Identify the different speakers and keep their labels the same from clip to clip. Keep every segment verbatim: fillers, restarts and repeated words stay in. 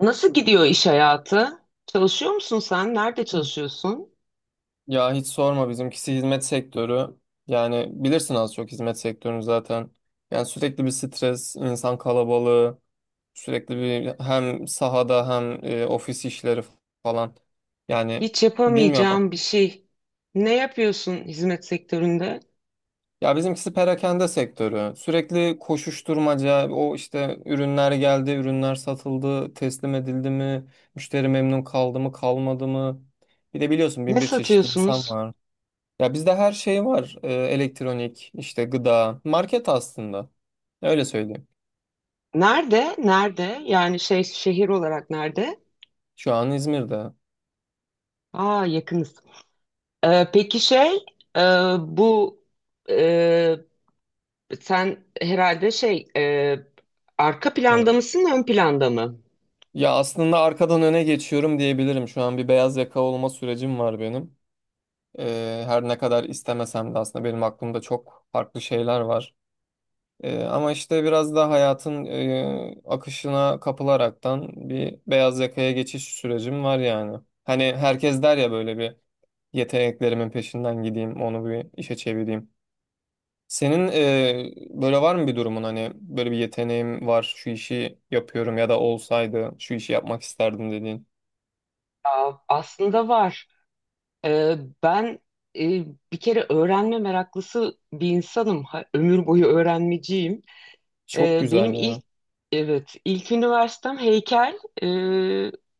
Speaker 1: Nasıl gidiyor iş hayatı? Çalışıyor musun sen? Nerede çalışıyorsun?
Speaker 2: Ya hiç sorma, bizimkisi hizmet sektörü. Yani bilirsin az çok hizmet sektörünü zaten. Yani sürekli bir stres, insan kalabalığı, sürekli bir hem sahada hem e, ofis işleri falan. Yani
Speaker 1: Hiç
Speaker 2: bilmiyorum.
Speaker 1: yapamayacağım bir şey. Ne yapıyorsun hizmet sektöründe?
Speaker 2: Ya bizimkisi perakende sektörü. Sürekli koşuşturmaca, o işte ürünler geldi, ürünler satıldı, teslim edildi mi, müşteri memnun kaldı mı, kalmadı mı? Bir de biliyorsun
Speaker 1: Ne
Speaker 2: bin bir çeşit insan
Speaker 1: satıyorsunuz?
Speaker 2: var. Ya bizde her şey var. Ee, elektronik, işte gıda, market aslında. Öyle söyleyeyim.
Speaker 1: Nerede? Nerede? Yani şey şehir olarak nerede?
Speaker 2: Şu an İzmir'de.
Speaker 1: Aa, yakınız. Ee, peki şey e, bu e, sen herhalde şey e, arka planda
Speaker 2: Evet.
Speaker 1: mısın, ön planda mı?
Speaker 2: Ya aslında arkadan öne geçiyorum diyebilirim. Şu an bir beyaz yaka olma sürecim var benim. Ee, her ne kadar istemesem de aslında benim aklımda çok farklı şeyler var. Ee, ama işte biraz da hayatın e, akışına kapılaraktan bir beyaz yakaya geçiş sürecim var yani. Hani herkes der ya, böyle bir yeteneklerimin peşinden gideyim, onu bir işe çevireyim. Senin e, böyle var mı bir durumun, hani böyle bir yeteneğim var, şu işi yapıyorum ya da olsaydı şu işi yapmak isterdim dediğin?
Speaker 1: Aa, aslında var. Ee, ben e, Bir kere öğrenme meraklısı bir insanım. Ha- ömür boyu öğrenmeciyim.
Speaker 2: Çok
Speaker 1: Ee,
Speaker 2: güzel
Speaker 1: benim ilk
Speaker 2: ya.
Speaker 1: evet ilk üniversitem heykel, e,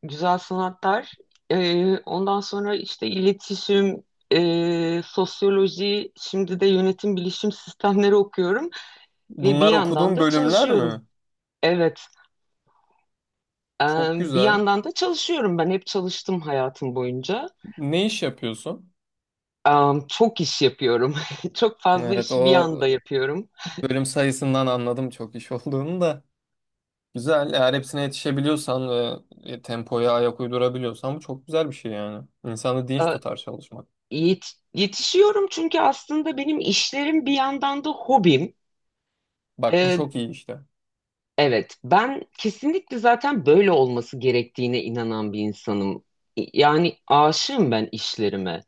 Speaker 1: güzel sanatlar. E, ondan sonra işte iletişim, e, sosyoloji, şimdi de yönetim bilişim sistemleri okuyorum ve bir
Speaker 2: Bunlar
Speaker 1: yandan
Speaker 2: okuduğun
Speaker 1: da
Speaker 2: bölümler
Speaker 1: çalışıyorum.
Speaker 2: mi?
Speaker 1: Evet, e,
Speaker 2: Çok
Speaker 1: bir
Speaker 2: güzel.
Speaker 1: yandan da çalışıyorum. Ben hep çalıştım hayatım boyunca.
Speaker 2: Ne iş yapıyorsun?
Speaker 1: Am, çok iş yapıyorum. Çok fazla
Speaker 2: Evet,
Speaker 1: işi bir
Speaker 2: o
Speaker 1: anda yapıyorum.
Speaker 2: bölüm sayısından anladım çok iş olduğunu da. Güzel. Eğer hepsine yetişebiliyorsan ve e, tempoya ayak uydurabiliyorsan bu çok güzel bir şey yani. İnsanı dinç
Speaker 1: A,
Speaker 2: tutar çalışmak.
Speaker 1: yet- Yetişiyorum, çünkü aslında benim işlerim bir yandan da hobim.
Speaker 2: Bak bu
Speaker 1: E,
Speaker 2: çok iyi işte.
Speaker 1: evet, ben kesinlikle zaten böyle olması gerektiğine inanan bir insanım. Yani aşığım ben işlerime.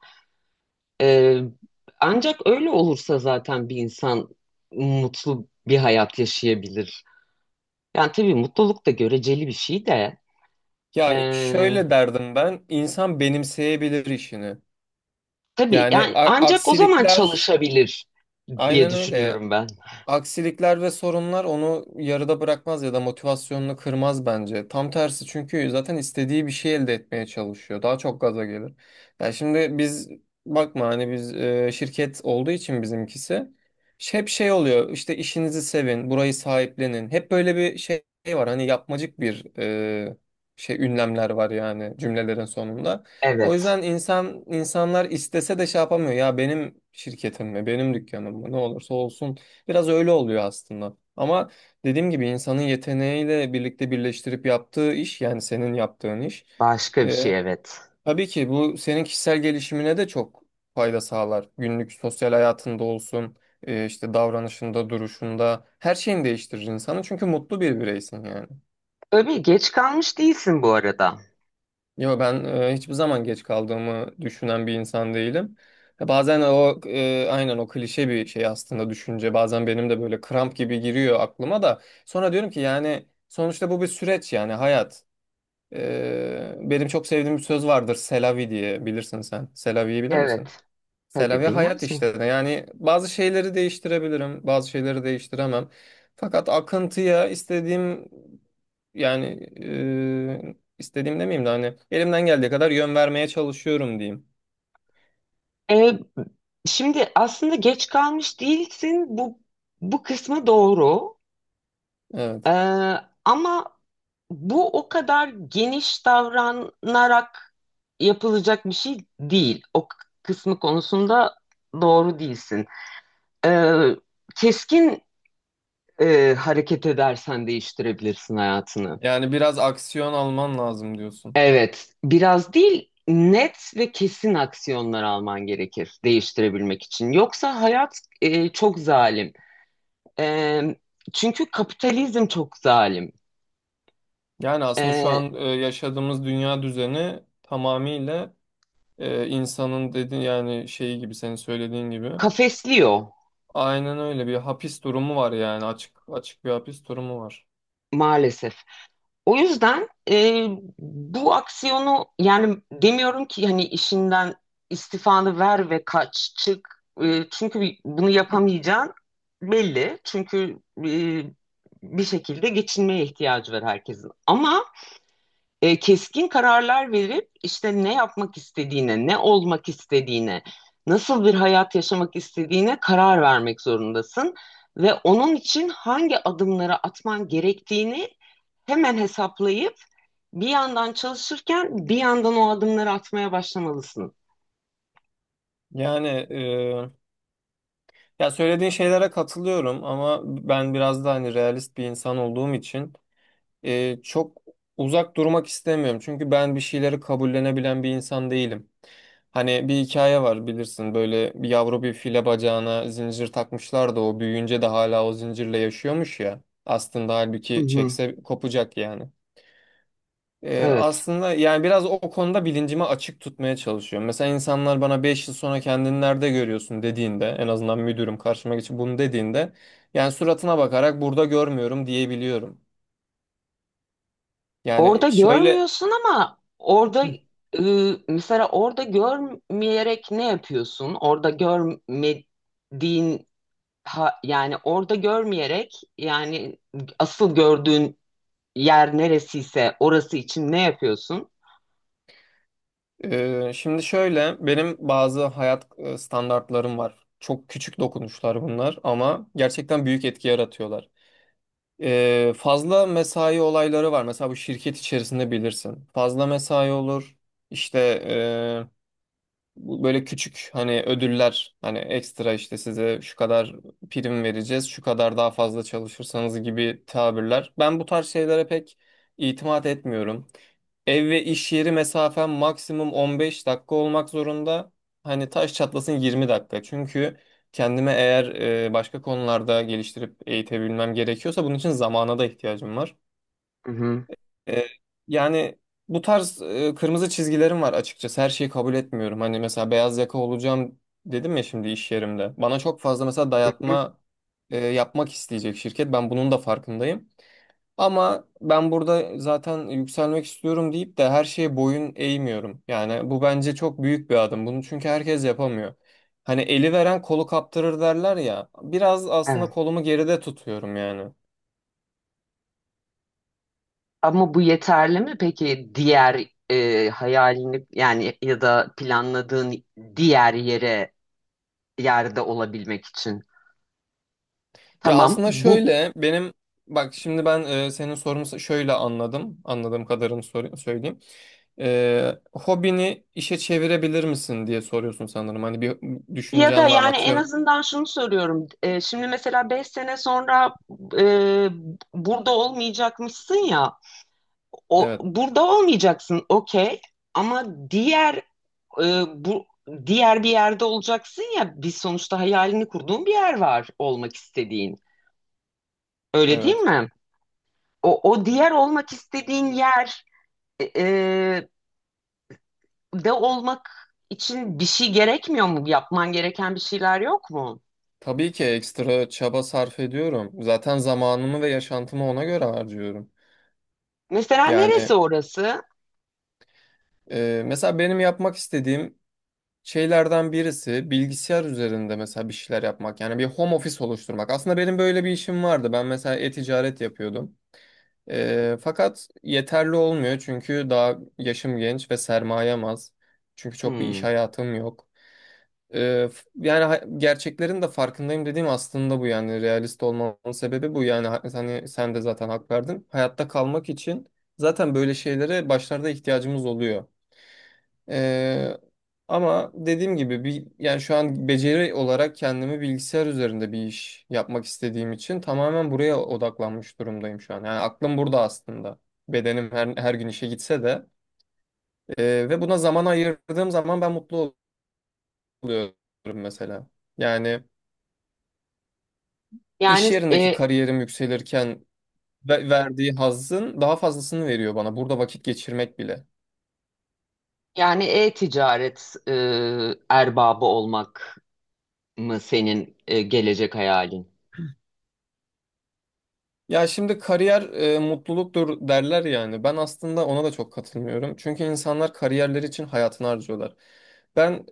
Speaker 1: E, Ancak öyle olursa zaten bir insan mutlu bir hayat yaşayabilir. Yani tabii mutluluk da göreceli bir şey de. E,
Speaker 2: Ya e, şöyle derdim ben. İnsan benimseyebilir işini.
Speaker 1: Tabii,
Speaker 2: Yani
Speaker 1: yani
Speaker 2: a-
Speaker 1: ancak o zaman
Speaker 2: aksilikler,
Speaker 1: çalışabilir diye
Speaker 2: aynen öyle.
Speaker 1: düşünüyorum ben.
Speaker 2: Aksilikler ve sorunlar onu yarıda bırakmaz ya da motivasyonunu kırmaz bence. Tam tersi, çünkü zaten istediği bir şey elde etmeye çalışıyor. Daha çok gaza gelir. Yani şimdi biz, bakma hani biz e, şirket olduğu için bizimkisi ş- hep şey oluyor. İşte işinizi sevin, burayı sahiplenin. Hep böyle bir şey var. Hani yapmacık bir e, şey ünlemler var yani cümlelerin sonunda. O
Speaker 1: Evet.
Speaker 2: yüzden insan insanlar istese de şey yapamıyor. Ya benim şirketim mi, benim dükkanım mı, ne olursa olsun. Biraz öyle oluyor aslında. Ama dediğim gibi insanın yeteneğiyle birlikte birleştirip yaptığı iş, yani senin yaptığın iş.
Speaker 1: Başka bir
Speaker 2: e,
Speaker 1: şey, evet.
Speaker 2: tabii ki bu senin kişisel gelişimine de çok fayda sağlar. Günlük sosyal hayatında olsun, e, işte davranışında, duruşunda her şeyini değiştirir insanı. Çünkü mutlu bir bireysin yani.
Speaker 1: Tabii geç kalmış değilsin bu arada.
Speaker 2: Yo, ben e, hiçbir zaman geç kaldığımı düşünen bir insan değilim. Ya bazen o e, aynen o klişe bir şey aslında düşünce. Bazen benim de böyle kramp gibi giriyor aklıma da. Sonra diyorum ki, yani sonuçta bu bir süreç yani, hayat. E, benim çok sevdiğim bir söz vardır, Selavi diye, bilirsin sen. Selavi'yi bilir misin?
Speaker 1: Evet.
Speaker 2: Selam
Speaker 1: Tabii
Speaker 2: ya hayat
Speaker 1: bilmez miyim?
Speaker 2: işte. Yani bazı şeyleri değiştirebilirim, bazı şeyleri değiştiremem. Fakat akıntıya istediğim, yani e, istediğim demeyeyim de, hani elimden geldiği kadar yön vermeye çalışıyorum diyeyim.
Speaker 1: Ee, Şimdi aslında geç kalmış değilsin, bu bu kısmı doğru. Ee,
Speaker 2: Evet.
Speaker 1: Ama bu o kadar geniş davranarak yapılacak bir şey değil. O k- kısmı konusunda doğru değilsin. Ee, keskin Ee, hareket edersen değiştirebilirsin hayatını.
Speaker 2: Yani biraz aksiyon alman lazım diyorsun.
Speaker 1: Evet, biraz değil, net ve kesin aksiyonlar alman gerekir değiştirebilmek için. Yoksa hayat, e, çok zalim. Ee, Çünkü kapitalizm çok zalim.
Speaker 2: Yani aslında şu
Speaker 1: Ee,
Speaker 2: an e, yaşadığımız dünya düzeni tamamıyla e, insanın dedi yani şeyi gibi senin söylediğin gibi.
Speaker 1: Kafesliyor
Speaker 2: Aynen öyle, bir hapis durumu var yani, açık açık bir hapis durumu var.
Speaker 1: maalesef. O yüzden e, bu aksiyonu, yani demiyorum ki hani işinden istifanı ver ve kaç çık. E, çünkü bi- bunu yapamayacağın belli. Çünkü e, bir şekilde geçinmeye ihtiyacı var herkesin. Ama e, keskin kararlar verip işte ne yapmak istediğine, ne olmak istediğine, nasıl bir hayat yaşamak istediğine karar vermek zorundasın. Ve onun için hangi adımları atman gerektiğini hemen hesaplayıp bir yandan çalışırken bir yandan o adımları atmaya başlamalısın.
Speaker 2: Yani, ya söylediğin şeylere katılıyorum ama ben biraz da hani realist bir insan olduğum için e, çok uzak durmak istemiyorum. Çünkü ben bir şeyleri kabullenebilen bir insan değilim. Hani bir hikaye var, bilirsin, böyle bir yavru bir file bacağına zincir takmışlar da o büyüyünce de hala o zincirle yaşıyormuş ya. Aslında
Speaker 1: Hı
Speaker 2: halbuki
Speaker 1: hı.
Speaker 2: çekse kopacak yani. Ee,
Speaker 1: Evet.
Speaker 2: aslında yani biraz o konuda bilincimi açık tutmaya çalışıyorum. Mesela insanlar bana beş yıl sonra kendini nerede görüyorsun dediğinde, en azından müdürüm karşıma geçip bunu dediğinde yani, suratına bakarak burada görmüyorum diyebiliyorum. Yani
Speaker 1: Orada
Speaker 2: şöyle,
Speaker 1: görmüyorsun, ama orada e, mesela orada görmeyerek ne yapıyorsun? Orada görmediğin, ha- yani orada görmeyerek, yani asıl gördüğün yer neresiyse orası için ne yapıyorsun?
Speaker 2: e, şimdi şöyle, benim bazı hayat e, standartlarım var. Çok küçük dokunuşlar bunlar ama gerçekten büyük etki yaratıyorlar. Ee, fazla mesai olayları var. Mesela bu şirket içerisinde bilirsin, fazla mesai olur. İşte bu, böyle küçük hani ödüller, hani ekstra işte size şu kadar prim vereceğiz, şu kadar daha fazla çalışırsanız gibi tabirler. Ben bu tarz şeylere pek itimat etmiyorum. Ev ve iş yeri mesafem maksimum on beş dakika olmak zorunda. Hani taş çatlasın yirmi dakika. Çünkü kendime, eğer e, başka konularda geliştirip eğitebilmem gerekiyorsa, bunun için zamana da ihtiyacım var.
Speaker 1: Hı hı.
Speaker 2: E, yani bu tarz e, kırmızı çizgilerim var açıkçası. Her şeyi kabul etmiyorum. Hani mesela beyaz yaka olacağım dedim ya şimdi iş yerimde. Bana çok fazla mesela
Speaker 1: Hı hı.
Speaker 2: dayatma e, yapmak isteyecek şirket. Ben bunun da farkındayım. Ama ben burada zaten yükselmek istiyorum deyip de her şeye boyun eğmiyorum. Yani bu bence çok büyük bir adım. Bunu çünkü herkes yapamıyor. Hani eli veren kolu kaptırır derler ya. Biraz aslında
Speaker 1: Evet.
Speaker 2: kolumu geride tutuyorum yani.
Speaker 1: Ama bu yeterli mi peki diğer, e, hayalini yani ya da planladığın diğer yere yerde olabilmek için?
Speaker 2: Ya
Speaker 1: Tamam,
Speaker 2: aslında
Speaker 1: bu
Speaker 2: şöyle, benim, bak şimdi ben e, senin sorunu şöyle anladım. Anladığım kadarını sor- söyleyeyim. E, hobini işe çevirebilir misin diye soruyorsun sanırım. Hani bir
Speaker 1: ya da
Speaker 2: düşüncen var mı?
Speaker 1: yani en
Speaker 2: Atıyorum.
Speaker 1: azından şunu söylüyorum. E, şimdi mesela beş sene sonra e, burada olmayacakmışsın ya. O,
Speaker 2: Evet,
Speaker 1: burada olmayacaksın, okey, ama diğer, e, bu diğer bir yerde olacaksın ya. Biz sonuçta hayalini kurduğun bir yer var, olmak istediğin. Öyle değil
Speaker 2: evet.
Speaker 1: mi? O, o diğer olmak istediğin yer e, e, de olmak için bir şey gerekmiyor mu? Yapman gereken bir şeyler yok mu?
Speaker 2: Tabii ki ekstra çaba sarf ediyorum. Zaten zamanımı ve yaşantımı ona göre harcıyorum.
Speaker 1: Mesela neresi
Speaker 2: Yani
Speaker 1: orası?
Speaker 2: e, mesela benim yapmak istediğim şeylerden birisi bilgisayar üzerinde mesela bir şeyler yapmak. Yani bir home office oluşturmak. Aslında benim böyle bir işim vardı. Ben mesela e-ticaret yapıyordum. Ee, fakat yeterli olmuyor çünkü daha yaşım genç ve sermayem az. Çünkü çok bir iş
Speaker 1: Hmm.
Speaker 2: hayatım yok. Ee, f- yani ha- gerçeklerin de farkındayım dediğim aslında bu yani, realist olmamın sebebi bu yani, ha- hani sen de zaten hak verdin. Hayatta kalmak için zaten böyle şeylere başlarda ihtiyacımız oluyor. Ee, Ama dediğim gibi bir, yani şu an beceri olarak kendimi bilgisayar üzerinde bir iş yapmak istediğim için tamamen buraya odaklanmış durumdayım şu an. Yani aklım burada aslında. Bedenim her, her gün işe gitse de, Ee, ve buna zaman ayırdığım zaman ben mutlu oluyorum mesela. Yani iş
Speaker 1: Yani
Speaker 2: yerindeki
Speaker 1: e,
Speaker 2: kariyerim yükselirken ve- verdiği hazzın daha fazlasını veriyor bana burada vakit geçirmek bile.
Speaker 1: yani e-ticaret e, erbabı olmak mı senin e, gelecek hayalin?
Speaker 2: Ya şimdi kariyer e, mutluluktur derler yani. Ben aslında ona da çok katılmıyorum. Çünkü insanlar kariyerleri için hayatını harcıyorlar. Ben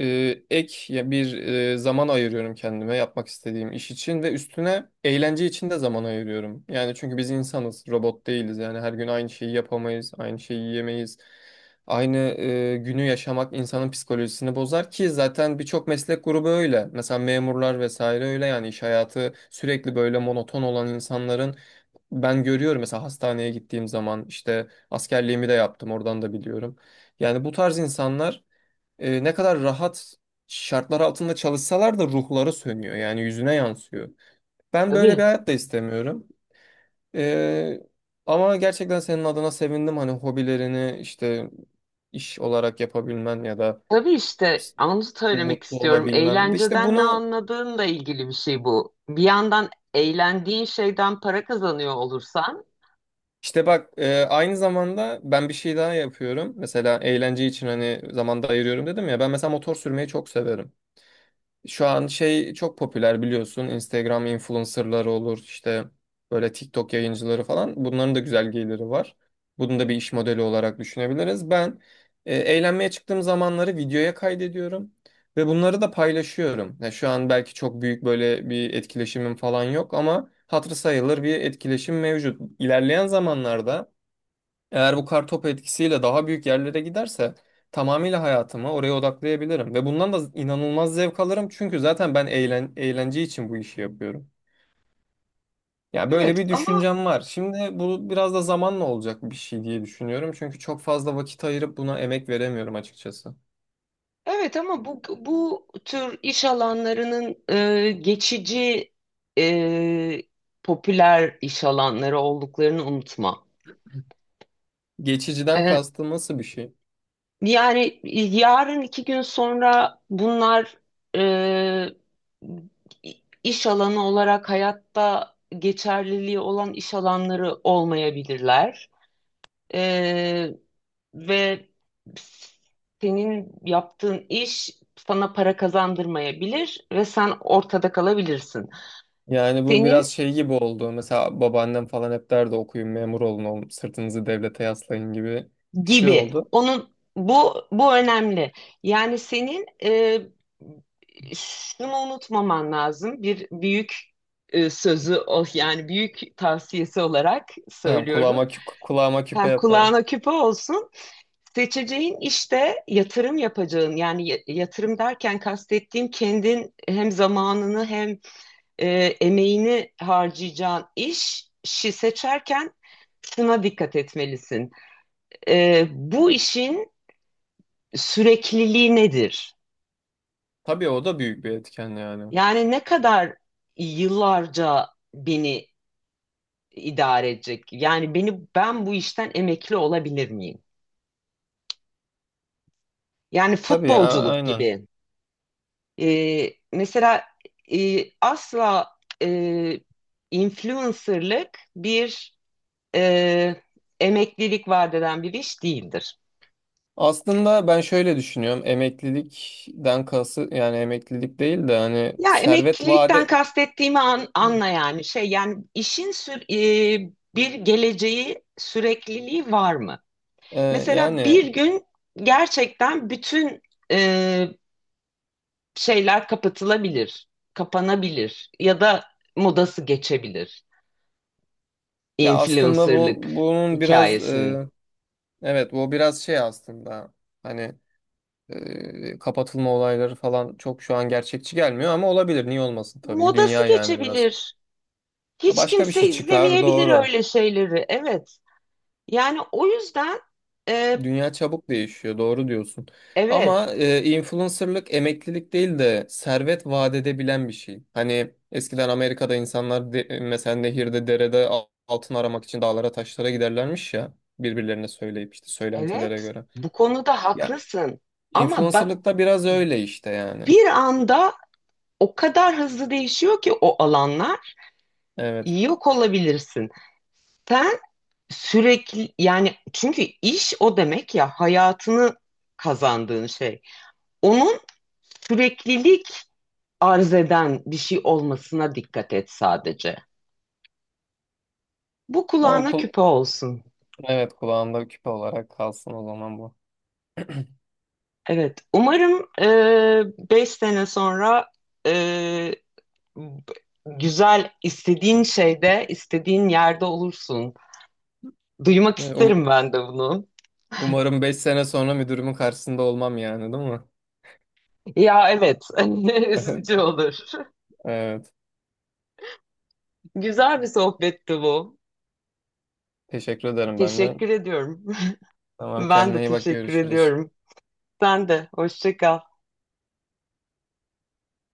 Speaker 2: e, ek ya bir e, zaman ayırıyorum kendime yapmak istediğim iş için, ve üstüne eğlence için de zaman ayırıyorum. Yani çünkü biz insanız, robot değiliz. Yani her gün aynı şeyi yapamayız, aynı şeyi yiyemeyiz. Aynı e, günü yaşamak insanın psikolojisini bozar ki zaten birçok meslek grubu öyle. Mesela memurlar vesaire öyle yani, iş hayatı sürekli böyle monoton olan insanların, ben görüyorum mesela hastaneye gittiğim zaman, işte askerliğimi de yaptım, oradan da biliyorum. Yani bu tarz insanlar e, ne kadar rahat şartlar altında çalışsalar da ruhları sönüyor yani, yüzüne yansıyor. Ben böyle
Speaker 1: Tabii.
Speaker 2: bir hayat da istemiyorum. Ee, Ama gerçekten senin adına sevindim, hani hobilerini işte iş olarak yapabilmen ya da
Speaker 1: Tabii, işte
Speaker 2: s-
Speaker 1: onu söylemek
Speaker 2: mutlu
Speaker 1: istiyorum.
Speaker 2: olabilmen. Ve işte
Speaker 1: Eğlenceden ne
Speaker 2: bunu,
Speaker 1: anladığınla ilgili bir şey bu. Bir yandan eğlendiğin şeyden para kazanıyor olursan,
Speaker 2: işte bak, e, aynı zamanda ben bir şey daha yapıyorum. Mesela eğlence için hani zamanda ayırıyorum dedim ya, ben mesela motor sürmeyi çok severim. Şu an şey çok popüler biliyorsun. Instagram influencerları olur işte, böyle TikTok yayıncıları falan. Bunların da güzel geliri var. Bunu da bir iş modeli olarak düşünebiliriz. Ben e, eğlenmeye çıktığım zamanları videoya kaydediyorum ve bunları da paylaşıyorum. Ya şu an belki çok büyük böyle bir etkileşimim falan yok ama hatırı sayılır bir etkileşim mevcut. İlerleyen zamanlarda eğer bu kartopu etkisiyle daha büyük yerlere giderse, tamamıyla hayatımı oraya odaklayabilirim. Ve bundan da inanılmaz zevk alırım. Çünkü zaten ben eğlen eğlence için bu işi yapıyorum. Ya böyle
Speaker 1: Evet
Speaker 2: bir
Speaker 1: ama
Speaker 2: düşüncem var. Şimdi bu biraz da zamanla olacak bir şey diye düşünüyorum. Çünkü çok fazla vakit ayırıp buna emek veremiyorum açıkçası.
Speaker 1: Evet ama bu bu tür iş alanlarının e, geçici, e, popüler iş alanları olduklarını unutma.
Speaker 2: Geçiciden
Speaker 1: E,
Speaker 2: kastım nasıl bir şey?
Speaker 1: Yani yarın iki gün sonra bunlar e, iş alanı olarak hayatta geçerliliği olan iş alanları olmayabilirler. Ee, Ve senin yaptığın iş sana para kazandırmayabilir ve sen ortada kalabilirsin.
Speaker 2: Yani bu
Speaker 1: Senin
Speaker 2: biraz şey gibi oldu. Mesela babaannem falan hep derdi, okuyun, memur olun, oğlum, sırtınızı devlete yaslayın gibi bir şey
Speaker 1: gibi.
Speaker 2: oldu.
Speaker 1: Onun, bu bu önemli. Yani senin, e, şunu unutmaman lazım. Bir büyük e, sözü o, yani büyük tavsiyesi olarak
Speaker 2: Tamam,
Speaker 1: söylüyorum.
Speaker 2: kulağıma, kü- kulağıma küpe
Speaker 1: Ha,
Speaker 2: yaparım.
Speaker 1: kulağına küpe olsun. Seçeceğin işte yatırım yapacağın, yani ya- yatırım derken kastettiğim kendin hem zamanını hem e, emeğini harcayacağın iş işi seçerken şuna dikkat etmelisin. E, bu işin sürekliliği nedir?
Speaker 2: Tabii o da büyük bir etken yani.
Speaker 1: Yani ne kadar yıllarca beni idare edecek? Yani beni ben bu işten emekli olabilir miyim? Yani
Speaker 2: Tabii ya,
Speaker 1: futbolculuk
Speaker 2: aynen.
Speaker 1: gibi. Ee, mesela e, asla e, influencerlık bir e, emeklilik vaat eden bir iş değildir.
Speaker 2: Aslında ben şöyle düşünüyorum. Emeklilikten kası, yani emeklilik değil de hani
Speaker 1: Ya
Speaker 2: servet
Speaker 1: emeklilikten
Speaker 2: vade,
Speaker 1: kastettiğimi an- anla, yani şey, yani işin sür- e, bir geleceği, sürekliliği var mı?
Speaker 2: e,
Speaker 1: Mesela
Speaker 2: yani
Speaker 1: bir gün gerçekten bütün e, şeyler kapatılabilir, kapanabilir ya da modası geçebilir
Speaker 2: ya aslında bu,
Speaker 1: influencerlık
Speaker 2: bunun biraz
Speaker 1: hikayesinin.
Speaker 2: e, evet, bu biraz şey aslında, hani e, kapatılma olayları falan çok şu an gerçekçi gelmiyor ama olabilir. Niye olmasın, tabii ki.
Speaker 1: Modası
Speaker 2: Dünya yani, burası.
Speaker 1: geçebilir. Hiç
Speaker 2: Başka bir
Speaker 1: kimse
Speaker 2: şey çıkar,
Speaker 1: izlemeyebilir
Speaker 2: doğru.
Speaker 1: öyle şeyleri. Evet. Yani o yüzden e,
Speaker 2: Dünya çabuk değişiyor, doğru diyorsun.
Speaker 1: evet,
Speaker 2: Ama e, influencerlık emeklilik değil de servet vaat edebilen bir şey. Hani eskiden Amerika'da insanlar de- e, mesela nehirde, derede, al- altın aramak için dağlara, taşlara giderlermiş ya, birbirlerine söyleyip işte söylentilere
Speaker 1: evet
Speaker 2: göre.
Speaker 1: bu konuda
Speaker 2: Ya
Speaker 1: haklısın. Ama bak,
Speaker 2: influencerlık da biraz öyle işte yani.
Speaker 1: bir anda o kadar hızlı değişiyor ki o alanlar,
Speaker 2: Evet.
Speaker 1: yok olabilirsin. Sen sürekli, yani çünkü iş o demek ya, hayatını kazandığın şey. Onun süreklilik arz eden bir şey olmasına dikkat et sadece. Bu
Speaker 2: Tamam
Speaker 1: kulağına
Speaker 2: kul
Speaker 1: küpe olsun.
Speaker 2: evet, kulağımda küpe olarak kalsın o zaman bu.
Speaker 1: Evet, umarım e, beş sene sonra e, b- güzel, istediğin şeyde, istediğin yerde olursun. Duymak
Speaker 2: E, um-
Speaker 1: isterim ben de bunu.
Speaker 2: Umarım beş sene sonra müdürümün karşısında olmam yani, değil mi?
Speaker 1: Ya evet, üzücü olur.
Speaker 2: Evet.
Speaker 1: Güzel bir sohbetti bu.
Speaker 2: Teşekkür ederim ben de.
Speaker 1: Teşekkür ediyorum.
Speaker 2: Tamam,
Speaker 1: Ben
Speaker 2: kendine
Speaker 1: de
Speaker 2: iyi bak,
Speaker 1: teşekkür
Speaker 2: görüşürüz.
Speaker 1: ediyorum. Sen de, hoşça kal.